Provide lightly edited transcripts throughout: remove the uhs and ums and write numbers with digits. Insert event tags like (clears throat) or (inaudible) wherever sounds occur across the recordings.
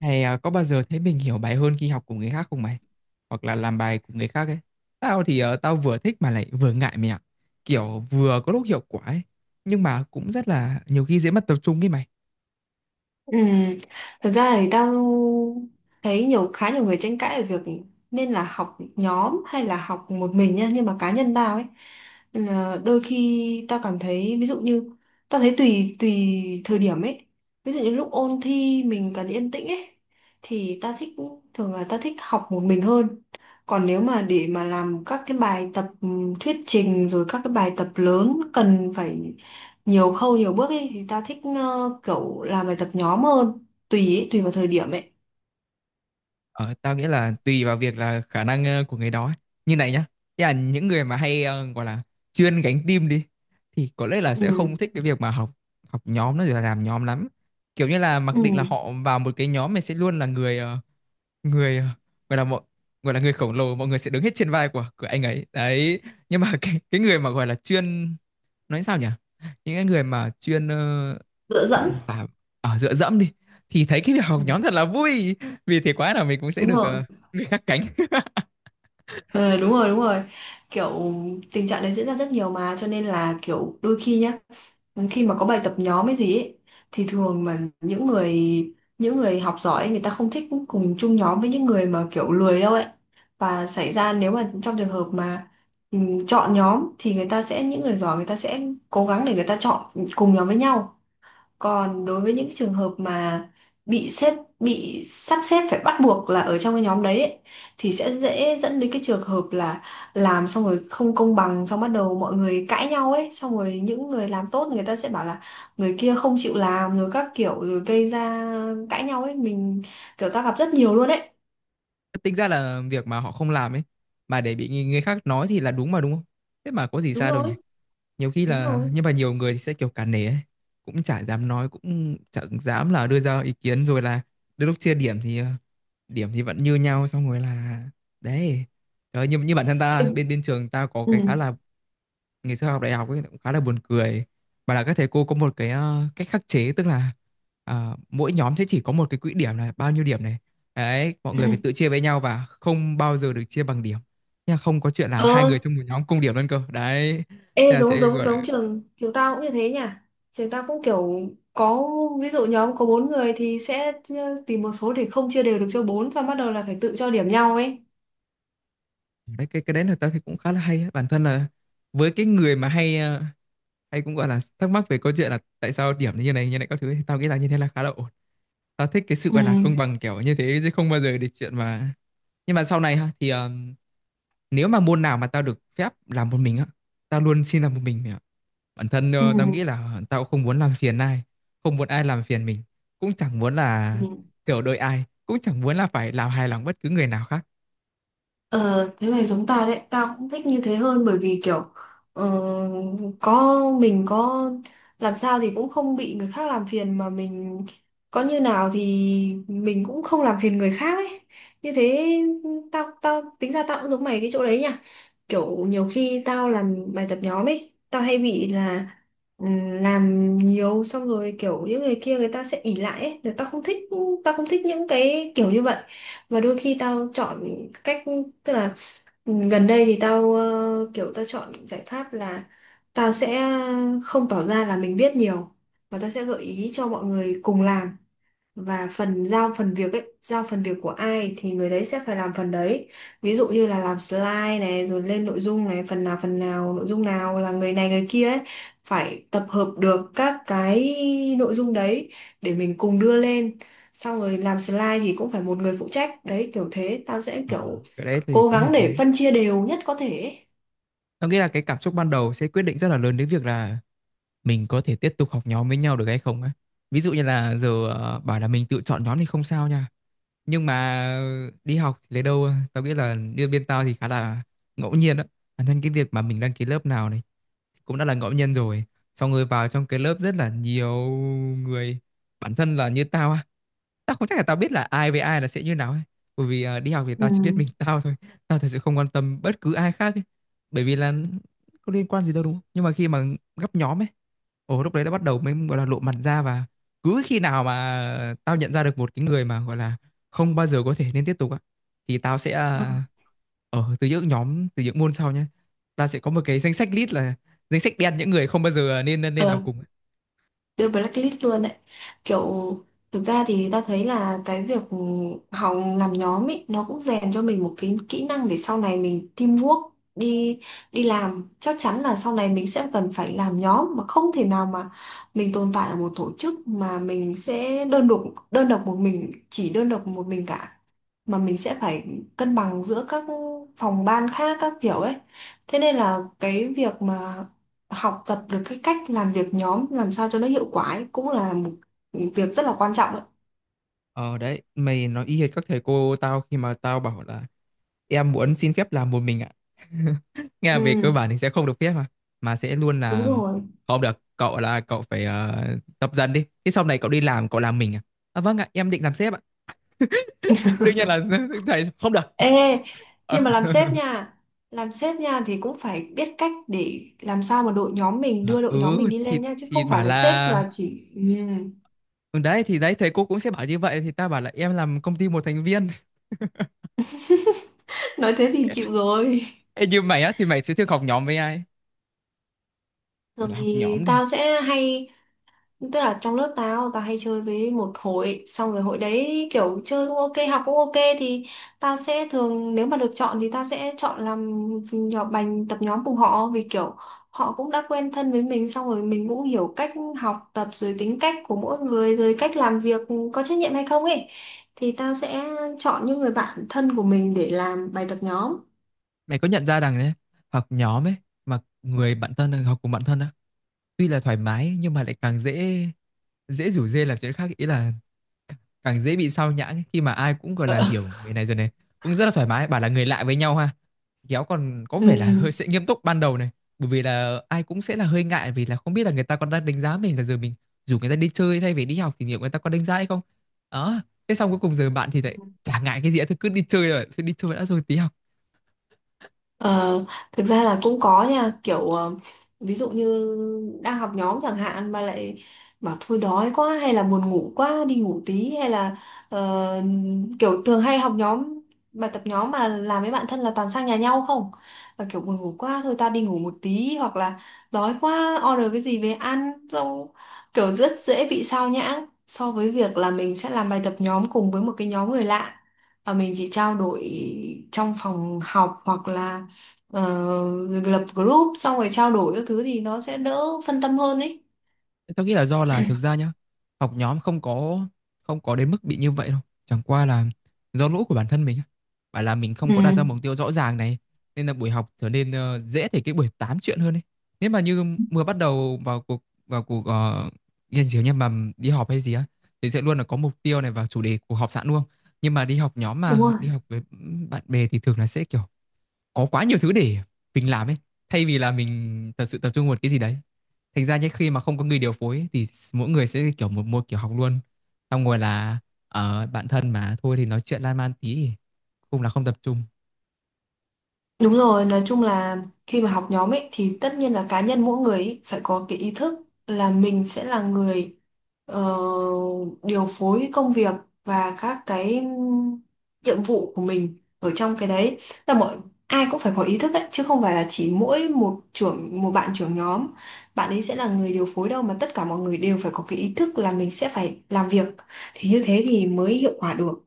Hay à, có bao giờ thấy mình hiểu bài hơn khi học cùng người khác không mày? Hoặc là làm bài cùng người khác ấy. Tao thì tao vừa thích mà lại vừa ngại mày ạ. Kiểu vừa có lúc hiệu quả ấy. Nhưng mà cũng rất là nhiều khi dễ mất tập trung ấy mày. Ừ. Thực ra thì tao thấy nhiều khá nhiều người tranh cãi về việc nên là học nhóm hay là học một mình nha, nhưng mà cá nhân tao ấy là đôi khi tao cảm thấy, ví dụ như tao thấy tùy tùy thời điểm ấy, ví dụ như lúc ôn thi mình cần yên tĩnh ấy thì tao thích thường là tao thích học một mình hơn. Còn nếu mà để mà làm các cái bài tập thuyết trình rồi các cái bài tập lớn cần phải nhiều khâu nhiều bước ấy thì ta thích kiểu làm bài tập nhóm hơn, tùy ấy, tùy vào thời điểm ấy. Ờ, tao nghĩ là tùy vào việc là khả năng của người đó ấy. Như này nhá. Thế là những người mà hay gọi là chuyên gánh team đi. Thì có lẽ là sẽ Ừ, không thích cái việc mà học học nhóm nó rồi là làm nhóm lắm. Kiểu như là mặc ừ, định là họ vào một cái nhóm này sẽ luôn là người người gọi là mọi gọi là người khổng lồ, mọi người sẽ đứng hết trên vai của anh ấy đấy, nhưng mà (laughs) cái người mà gọi là chuyên, nói sao nhỉ, những cái người mà chuyên ờ, dựa dẫn. à, ở dựa dẫm đi, thì thấy cái việc học (laughs) Ừ. nhóm thật là vui, vì thế quá là mình cũng sẽ Đúng được rồi. Người khác cánh. Ờ, đúng rồi, đúng rồi, kiểu tình trạng đấy diễn ra rất nhiều mà, cho nên là kiểu đôi khi nhá, khi mà có bài tập nhóm hay gì ấy, thì thường mà những người học giỏi ấy, người ta không thích cùng chung nhóm với những người mà kiểu lười đâu ấy, và xảy ra nếu mà trong trường hợp mà ừ, chọn nhóm thì người ta sẽ những người giỏi người ta sẽ cố gắng để người ta chọn cùng nhóm với nhau. Còn đối với những trường hợp mà bị xếp bị sắp xếp phải bắt buộc là ở trong cái nhóm đấy ấy, thì sẽ dễ dẫn đến cái trường hợp là làm xong rồi không công bằng, xong bắt đầu mọi người cãi nhau ấy, xong rồi những người làm tốt người ta sẽ bảo là người kia không chịu làm rồi các kiểu, rồi gây ra cãi nhau ấy, mình kiểu ta gặp rất nhiều luôn ấy. (laughs) Tính ra là việc mà họ không làm ấy, mà để bị người người khác nói thì là đúng mà, đúng không? Thế mà có gì Đúng sai đâu nhỉ? rồi, Nhiều khi đúng là, rồi. nhưng mà nhiều người thì sẽ kiểu cả nể ấy. Cũng chả dám nói, cũng chẳng dám là đưa ra ý kiến, rồi là đến lúc chia điểm thì điểm thì vẫn như nhau, xong rồi là đấy. Trời ơi, như bản thân ta, Em- bên bên trường ta có ừ. cái khá là, ngày xưa học đại học ấy, cũng khá là buồn cười, mà là các thầy cô có một cái cách khắc chế, tức là mỗi nhóm sẽ chỉ có một cái quỹ điểm là bao nhiêu điểm này, đấy mọi người phải Ừ. tự chia với nhau và không bao giờ được chia bằng điểm nha, không có chuyện là hai Ờ, người trong một nhóm cùng điểm luôn cơ đấy. Thế ê, là giống sẽ giống gọi là, giống trường trường tao cũng như thế nhỉ, trường tao cũng kiểu có ví dụ nhóm có bốn người thì sẽ tìm một số để không chia đều được cho bốn, xong bắt đầu là phải tự cho điểm nhau ấy. đấy, cái đấy là tao thấy cũng khá là hay á. Bản thân là, với cái người mà hay hay cũng gọi là thắc mắc về câu chuyện là tại sao điểm như này các thứ ấy, thì tao nghĩ là như thế là khá là ổn. Tao thích cái sự gọi là Ừ. công bằng kiểu như thế, chứ không bao giờ để chuyện mà, nhưng mà sau này ha, thì nếu mà môn nào mà tao được phép làm một mình á, tao luôn xin làm một mình mày ạ. Bản thân Ừ. Tao nghĩ là tao không muốn làm phiền ai, không muốn ai làm phiền mình, cũng chẳng muốn là Ừ. chờ đợi ai, cũng chẳng muốn là phải làm hài lòng bất cứ người nào khác. Ờ, thế mày giống tao đấy, tao cũng thích như thế hơn, bởi vì kiểu ờ, có mình có làm sao thì cũng không bị người khác làm phiền, mà mình có như nào thì mình cũng không làm phiền người khác ấy. Như thế, tao tao tính ra tao cũng giống mày cái chỗ đấy nha. Kiểu nhiều khi tao làm bài tập nhóm ấy, tao hay bị là làm nhiều xong rồi kiểu những người kia người ta sẽ ỉ lại ấy, rồi tao không thích những cái kiểu như vậy. Và đôi khi tao chọn cách, tức là gần đây thì tao kiểu tao chọn giải pháp là tao sẽ không tỏ ra là mình biết nhiều, và tao sẽ gợi ý cho mọi người cùng làm. Và phần giao phần việc ấy giao phần việc của ai thì người đấy sẽ phải làm phần đấy. Ví dụ như là làm slide này, rồi lên nội dung này, phần nào nội dung nào là người này người kia ấy phải tập hợp được các cái nội dung đấy để mình cùng đưa lên. Xong rồi làm slide thì cũng phải một người phụ trách đấy, kiểu thế, tao sẽ Ờ, kiểu cái đấy thì cố cũng hợp gắng lý. để phân chia đều nhất có thể ấy. Tao nghĩ là cái cảm xúc ban đầu sẽ quyết định rất là lớn đến việc là mình có thể tiếp tục học nhóm với nhau được hay không á. Ví dụ như là giờ bảo là mình tự chọn nhóm thì không sao nha. Nhưng mà đi học thì lấy đâu, tao nghĩ là như bên tao thì khá là ngẫu nhiên á. Bản thân cái việc mà mình đăng ký lớp nào này cũng đã là ngẫu nhiên rồi, xong rồi vào trong cái lớp rất là nhiều người, bản thân là như tao á, tao không chắc là tao biết là ai với ai là sẽ như nào ấy, bởi vì đi học thì Ừ. tao chỉ biết mình tao thôi, tao thật sự không quan tâm bất cứ ai khác ấy. Bởi vì là có liên quan gì đâu, đúng không? Nhưng mà khi mà gấp nhóm ấy, ồ lúc đấy đã bắt đầu mới gọi là lộ mặt ra, và cứ khi nào mà tao nhận ra được một cái người mà gọi là không bao giờ có thể nên tiếp tục á, thì tao sẽ Ờ. à, ở từ những nhóm, từ những môn sau nhé, ta sẽ có một cái danh sách list, là danh sách đen những người không bao giờ nên nên nên làm Ờ, cùng. đưa blacklist luôn đấy. Kiểu thực ra thì ta thấy là cái việc học làm nhóm ấy nó cũng rèn cho mình một cái kỹ năng để sau này mình teamwork, đi đi làm chắc chắn là sau này mình sẽ cần phải làm nhóm, mà không thể nào mà mình tồn tại ở một tổ chức mà mình sẽ đơn độc một mình cả, mà mình sẽ phải cân bằng giữa các phòng ban khác các kiểu ấy. Thế nên là cái việc mà học tập được cái cách làm việc nhóm làm sao cho nó hiệu quả ấy, cũng là một việc rất là quan trọng đấy. Ờ đấy, mày nói y hệt các thầy cô tao, khi mà tao bảo là em muốn xin phép làm một mình ạ, (laughs) nghe là Ừ, về cơ bản thì sẽ không được phép, mà sẽ luôn đúng là rồi. không được, cậu là cậu phải tập dần đi, thế sau này cậu đi làm cậu làm mình, à vâng ạ, em định làm sếp ạ, đương nhiên là (laughs) thầy không được. Ê, nhưng Ờ. mà (laughs) làm sếp nha thì cũng phải biết cách để làm sao mà đội nhóm mình À, đưa đội nhóm ừ, mình đi thì lên nha, chứ thì không phải bảo là sếp là là chỉ ừ. ừ, đấy thì đấy, thầy cô cũng sẽ bảo như vậy, thì ta bảo là em làm công ty một thành viên. (laughs) Nói thế thì chịu (laughs) rồi. Ê, như mày á thì mày sẽ thường học nhóm với ai, gọi Thường là học thì nhóm đi. tao sẽ hay, tức là trong lớp tao, tao hay chơi với một hội, xong rồi hội đấy kiểu chơi cũng ok, học cũng ok, thì tao sẽ thường nếu mà được chọn thì tao sẽ chọn làm nhỏ bành tập nhóm cùng họ, vì kiểu họ cũng đã quen thân với mình, xong rồi mình cũng hiểu cách học tập rồi tính cách của mỗi người, rồi cách làm việc có trách nhiệm hay không ấy. Thì tao sẽ chọn những người bạn thân của mình để làm bài tập nhóm. Mày có nhận ra rằng đấy, học nhóm ấy, mà người bạn thân học cùng bạn thân á, tuy là thoải mái nhưng mà lại càng dễ, dễ rủ rê làm chuyện khác, ý là càng dễ bị sao nhãng ấy, khi mà ai cũng gọi là hiểu người này rồi này, cũng rất là thoải mái. Bảo là người lạ với nhau ha, kéo còn có vẻ là Ừ. hơi sẽ nghiêm túc ban đầu này, bởi vì là ai cũng sẽ là hơi ngại, vì là không biết là người ta còn đang đánh giá mình, là giờ mình dù người ta đi chơi thay vì đi học thì liệu người ta có đánh giá hay không, đó. Thế xong cuối cùng giờ bạn thì lại chả ngại cái gì hết, thôi cứ đi chơi rồi, thôi đi chơi đã rồi tí học. Ờ, thực ra là cũng có nha, kiểu ví dụ như đang học nhóm chẳng hạn mà lại bảo thôi đói quá hay là buồn ngủ quá đi ngủ tí, hay là ờ, kiểu thường hay học nhóm bài tập nhóm mà làm với bạn thân là toàn sang nhà nhau không, và kiểu buồn ngủ quá thôi tao đi ngủ một tí, hoặc là đói quá order cái gì về ăn, xong kiểu rất dễ bị sao nhãng so với việc là mình sẽ làm bài tập nhóm cùng với một cái nhóm người lạ, và mình chỉ trao đổi trong phòng học hoặc là lập group xong rồi trao đổi các thứ, thì nó sẽ đỡ phân tâm hơn ấy. Tao nghĩ là do là thực ra nhá, học nhóm không có, không có đến mức bị như vậy đâu. Chẳng qua là do lỗi của bản thân mình á. Phải là mình không Ừ, có đặt ra mục tiêu rõ ràng này, nên là buổi học trở nên dễ thành cái buổi tám chuyện hơn ấy. Nếu mà như vừa bắt đầu vào cuộc nghiên cứu, nhưng mà đi họp hay gì á thì sẽ luôn là có mục tiêu này và chủ đề của họp sẵn luôn. Nhưng mà đi học nhóm đúng mà rồi. đi học với bạn bè thì thường là sẽ kiểu có quá nhiều thứ để mình làm ấy, thay vì là mình thật sự tập trung vào một cái gì đấy. Thành ra nhé, khi mà không có người điều phối ấy, thì mỗi người sẽ kiểu một một kiểu học luôn, xong rồi là ở bạn thân mà thôi thì nói chuyện lan man tí thì cũng là không tập trung. Đúng rồi, nói chung là khi mà học nhóm ấy thì tất nhiên là cá nhân mỗi người ấy phải có cái ý thức là mình sẽ là người ờ, điều phối công việc và các cái nhiệm vụ của mình ở trong cái đấy. Là mọi Ai cũng phải có ý thức ấy, chứ không phải là chỉ mỗi một trưởng một bạn trưởng nhóm, bạn ấy sẽ là người điều phối đâu, mà tất cả mọi người đều phải có cái ý thức là mình sẽ phải làm việc, thì như thế thì mới hiệu quả được.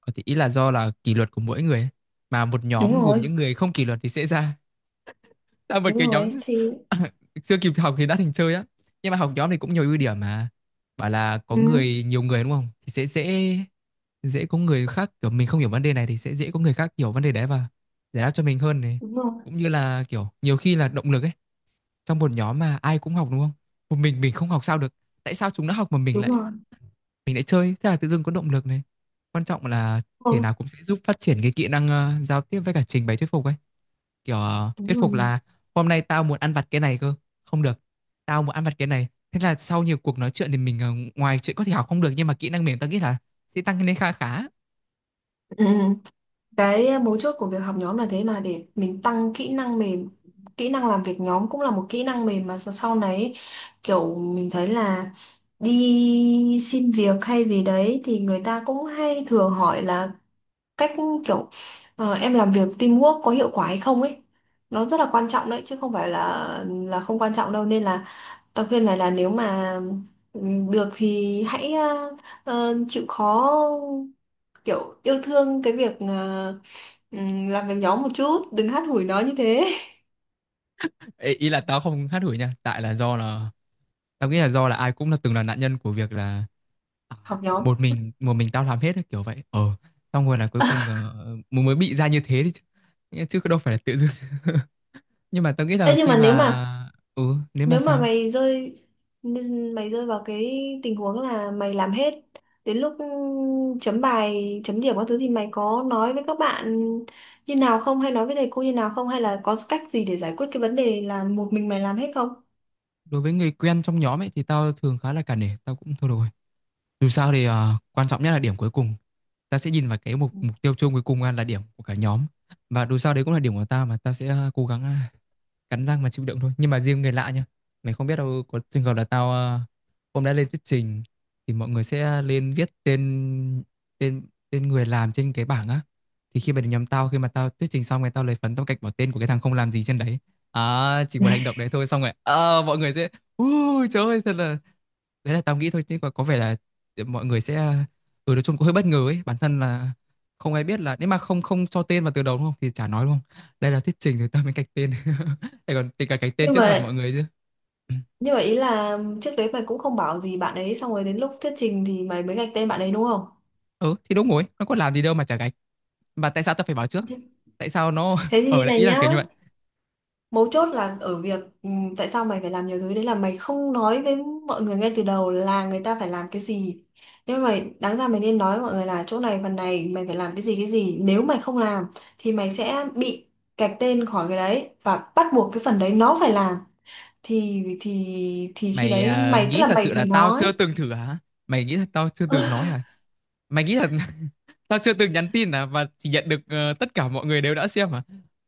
Ờ, thì ý là do là kỷ luật của mỗi người ấy, mà một Đúng nhóm gồm rồi, những người không kỷ luật thì sẽ ra sao một đúng cái rồi nhóm. thì (laughs) Chưa kịp học thì đã thành chơi á. Nhưng mà học nhóm thì cũng nhiều ưu điểm mà, bảo là có ừ, người, nhiều người đúng không, thì sẽ dễ, dễ có người khác, kiểu mình không hiểu vấn đề này thì sẽ dễ có người khác hiểu vấn đề đấy và giải đáp cho mình hơn này. đúng rồi, Cũng như là kiểu nhiều khi là động lực ấy, trong một nhóm mà ai cũng học đúng không, một mình không học sao được, tại sao chúng nó học mà đúng rồi. mình lại chơi, thế là tự dưng có động lực này. Quan trọng là thể nào cũng sẽ giúp phát triển cái kỹ năng giao tiếp với cả trình bày thuyết phục ấy, kiểu Đúng thuyết rồi. phục là (clears throat) hôm nay tao muốn ăn vặt cái này cơ, không được, tao muốn ăn vặt cái này, thế là sau nhiều cuộc nói chuyện thì mình ngoài chuyện có thể học không được, nhưng mà kỹ năng mềm tao nghĩ là sẽ tăng lên khá khá. Ừ. Ừ. Cái mấu chốt của việc học nhóm là thế, mà để mình tăng kỹ năng mềm. Kỹ năng làm việc nhóm cũng là một kỹ năng mềm, mà sau sau này kiểu mình thấy là đi xin việc hay gì đấy thì người ta cũng hay thường hỏi là cách, kiểu em làm việc teamwork có hiệu quả hay không ấy. Nó rất là quan trọng đấy, chứ không phải là không quan trọng đâu, nên là tao khuyên mày là nếu mà ừ, được thì hãy chịu khó kiểu yêu thương cái việc làm việc nhóm một chút, đừng hát hủi nó như thế. Ê, ý là tao không hát hủi nha, tại là do là tao nghĩ là do là ai cũng là từng là nạn nhân của việc là à, (laughs) Học nhóm. một mình tao làm hết ấy, kiểu vậy ờ, xong rồi là cuối cùng mới mới bị ra như thế đi chứ. Nghĩa- chứ đâu phải là tự dưng. (laughs) Nhưng mà tao nghĩ Thế là nhưng khi mà nếu mà, mà, ừ nếu mà nếu mà sao, mày rơi mày rơi vào cái tình huống là mày làm hết, đến lúc chấm bài chấm điểm các thứ thì mày có nói với các bạn như nào không, hay nói với thầy cô như nào không, hay là có cách gì để giải quyết cái vấn đề là một mình mày làm hết không? đối với người quen trong nhóm ấy thì tao thường khá là cả nể, tao cũng thôi được rồi. Dù sao thì quan trọng nhất là điểm cuối cùng. Ta sẽ nhìn vào cái mục mục tiêu chung cuối cùng là điểm của cả nhóm. Và dù sao đấy cũng là điểm của ta, mà ta sẽ cố gắng cắn răng mà chịu đựng thôi. Nhưng mà riêng người lạ nhá, mày không biết đâu, có trường hợp là tao hôm đã lên thuyết trình thì mọi người sẽ lên viết tên, tên người làm trên cái bảng á, thì khi mà đến nhóm tao, khi mà tao thuyết trình xong rồi tao lấy phấn tao gạch bỏ tên của cái thằng không làm gì trên đấy. À chỉ một hành động đấy thôi, xong rồi mọi người sẽ, ui trời ơi thật là, đấy là tao nghĩ thôi chứ, có vẻ là mọi người sẽ, ừ nói chung cũng hơi bất ngờ ấy. Bản thân là không ai biết là nếu mà không không cho tên vào từ đầu đúng không thì chả nói, đúng không? Đây là thuyết trình thì tao mới gạch tên. (laughs) Để còn tính cả gạch tên nhưng trước mặt mọi mà người chứ. nhưng mà ý là trước đấy mày cũng không bảo gì bạn ấy, xong rồi đến lúc thuyết trình thì mày mới gạch tên bạn ấy, đúng không? Ừ thì đúng rồi, nó có làm gì đâu mà chả gạch. Mà tại sao tao phải báo trước? Tại sao nó Thế (laughs) thì như ở đấy, này ý là nhá, kiểu như vậy. mấu chốt là ở việc tại sao mày phải làm nhiều thứ đấy là mày không nói với mọi người ngay từ đầu là người ta phải làm cái gì. Nhưng mà đáng ra mày nên nói với mọi người là chỗ này phần này mày phải làm cái gì cái gì. Nếu mày không làm thì mày sẽ bị gạch tên khỏi cái đấy, và bắt buộc cái phần đấy nó phải làm. Thì thì khi Mày đấy mày tức nghĩ là thật mày sự là phải tao chưa nói. từng thử hả? Mày nghĩ thật tao chưa từng nói (laughs) hả? Mày nghĩ thật (laughs) tao chưa từng nhắn tin hả? Và chỉ nhận được tất cả mọi người đều đã xem hả?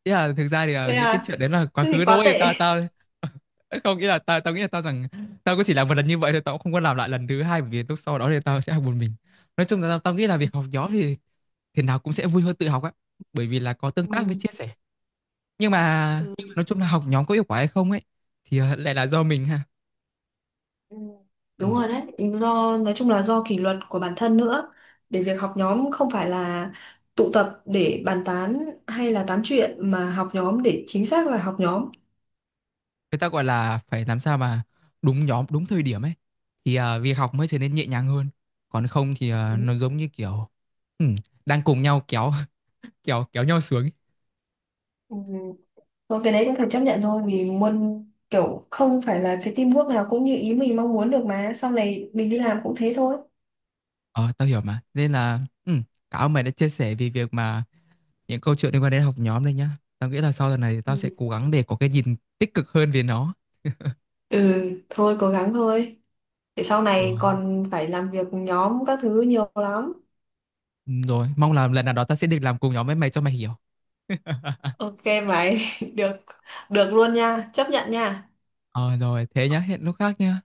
Ý là thực ra thì Thế những cái à? chuyện đấy là quá Thế thì khứ quá thôi, tệ. tao tao (laughs) không nghĩ là tao tao nghĩ là tao rằng tao cũng chỉ làm một lần như vậy thôi, tao cũng không có làm lại lần thứ hai, bởi vì lúc sau đó thì tao sẽ học một mình. Nói chung là tao nghĩ là việc học nhóm thì thế nào cũng sẽ vui hơn tự học á, bởi vì là có tương Ừ. tác với chia sẻ, nhưng mà nói chung là học nhóm có hiệu quả hay không ấy, thì lại là do mình ha. Ừ. Ừ. Đúng rồi đấy, do nói chung là do kỷ luật của bản thân nữa. Để việc học nhóm không phải là tụ tập để bàn tán hay là tám chuyện, mà học nhóm để chính xác là học nhóm. Người ta gọi là phải làm sao mà đúng nhóm đúng thời điểm ấy, thì việc học mới trở nên nhẹ nhàng hơn, còn không thì Ừ. Nó giống như kiểu ừ, đang cùng nhau kéo (laughs) kéo kéo nhau xuống ấy. Ừ. Thôi cái đấy cũng phải chấp nhận thôi, vì muốn kiểu không phải là cái teamwork nào cũng như ý mình mong muốn được, mà sau này mình đi làm cũng thế thôi. Ờ tao hiểu mà, nên là ừ, cảm ơn mày đã chia sẻ về việc mà những câu chuyện liên quan đến học nhóm đây nhá, tao nghĩ là sau lần này Ừ, tao sẽ cố gắng để có cái nhìn tích cực hơn về nó. ừ, thôi cố gắng thôi. Để sau Ờ. này còn phải làm việc nhóm các thứ nhiều lắm. Ừ, rồi mong là lần nào đó ta sẽ được làm cùng nhóm với mày cho mày hiểu. Ok mày, (laughs) được được luôn nha, chấp nhận nha. Ờ rồi thế nhá, hẹn lúc khác nhá.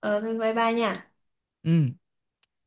Ờ, thôi bye bye nha. Ừ.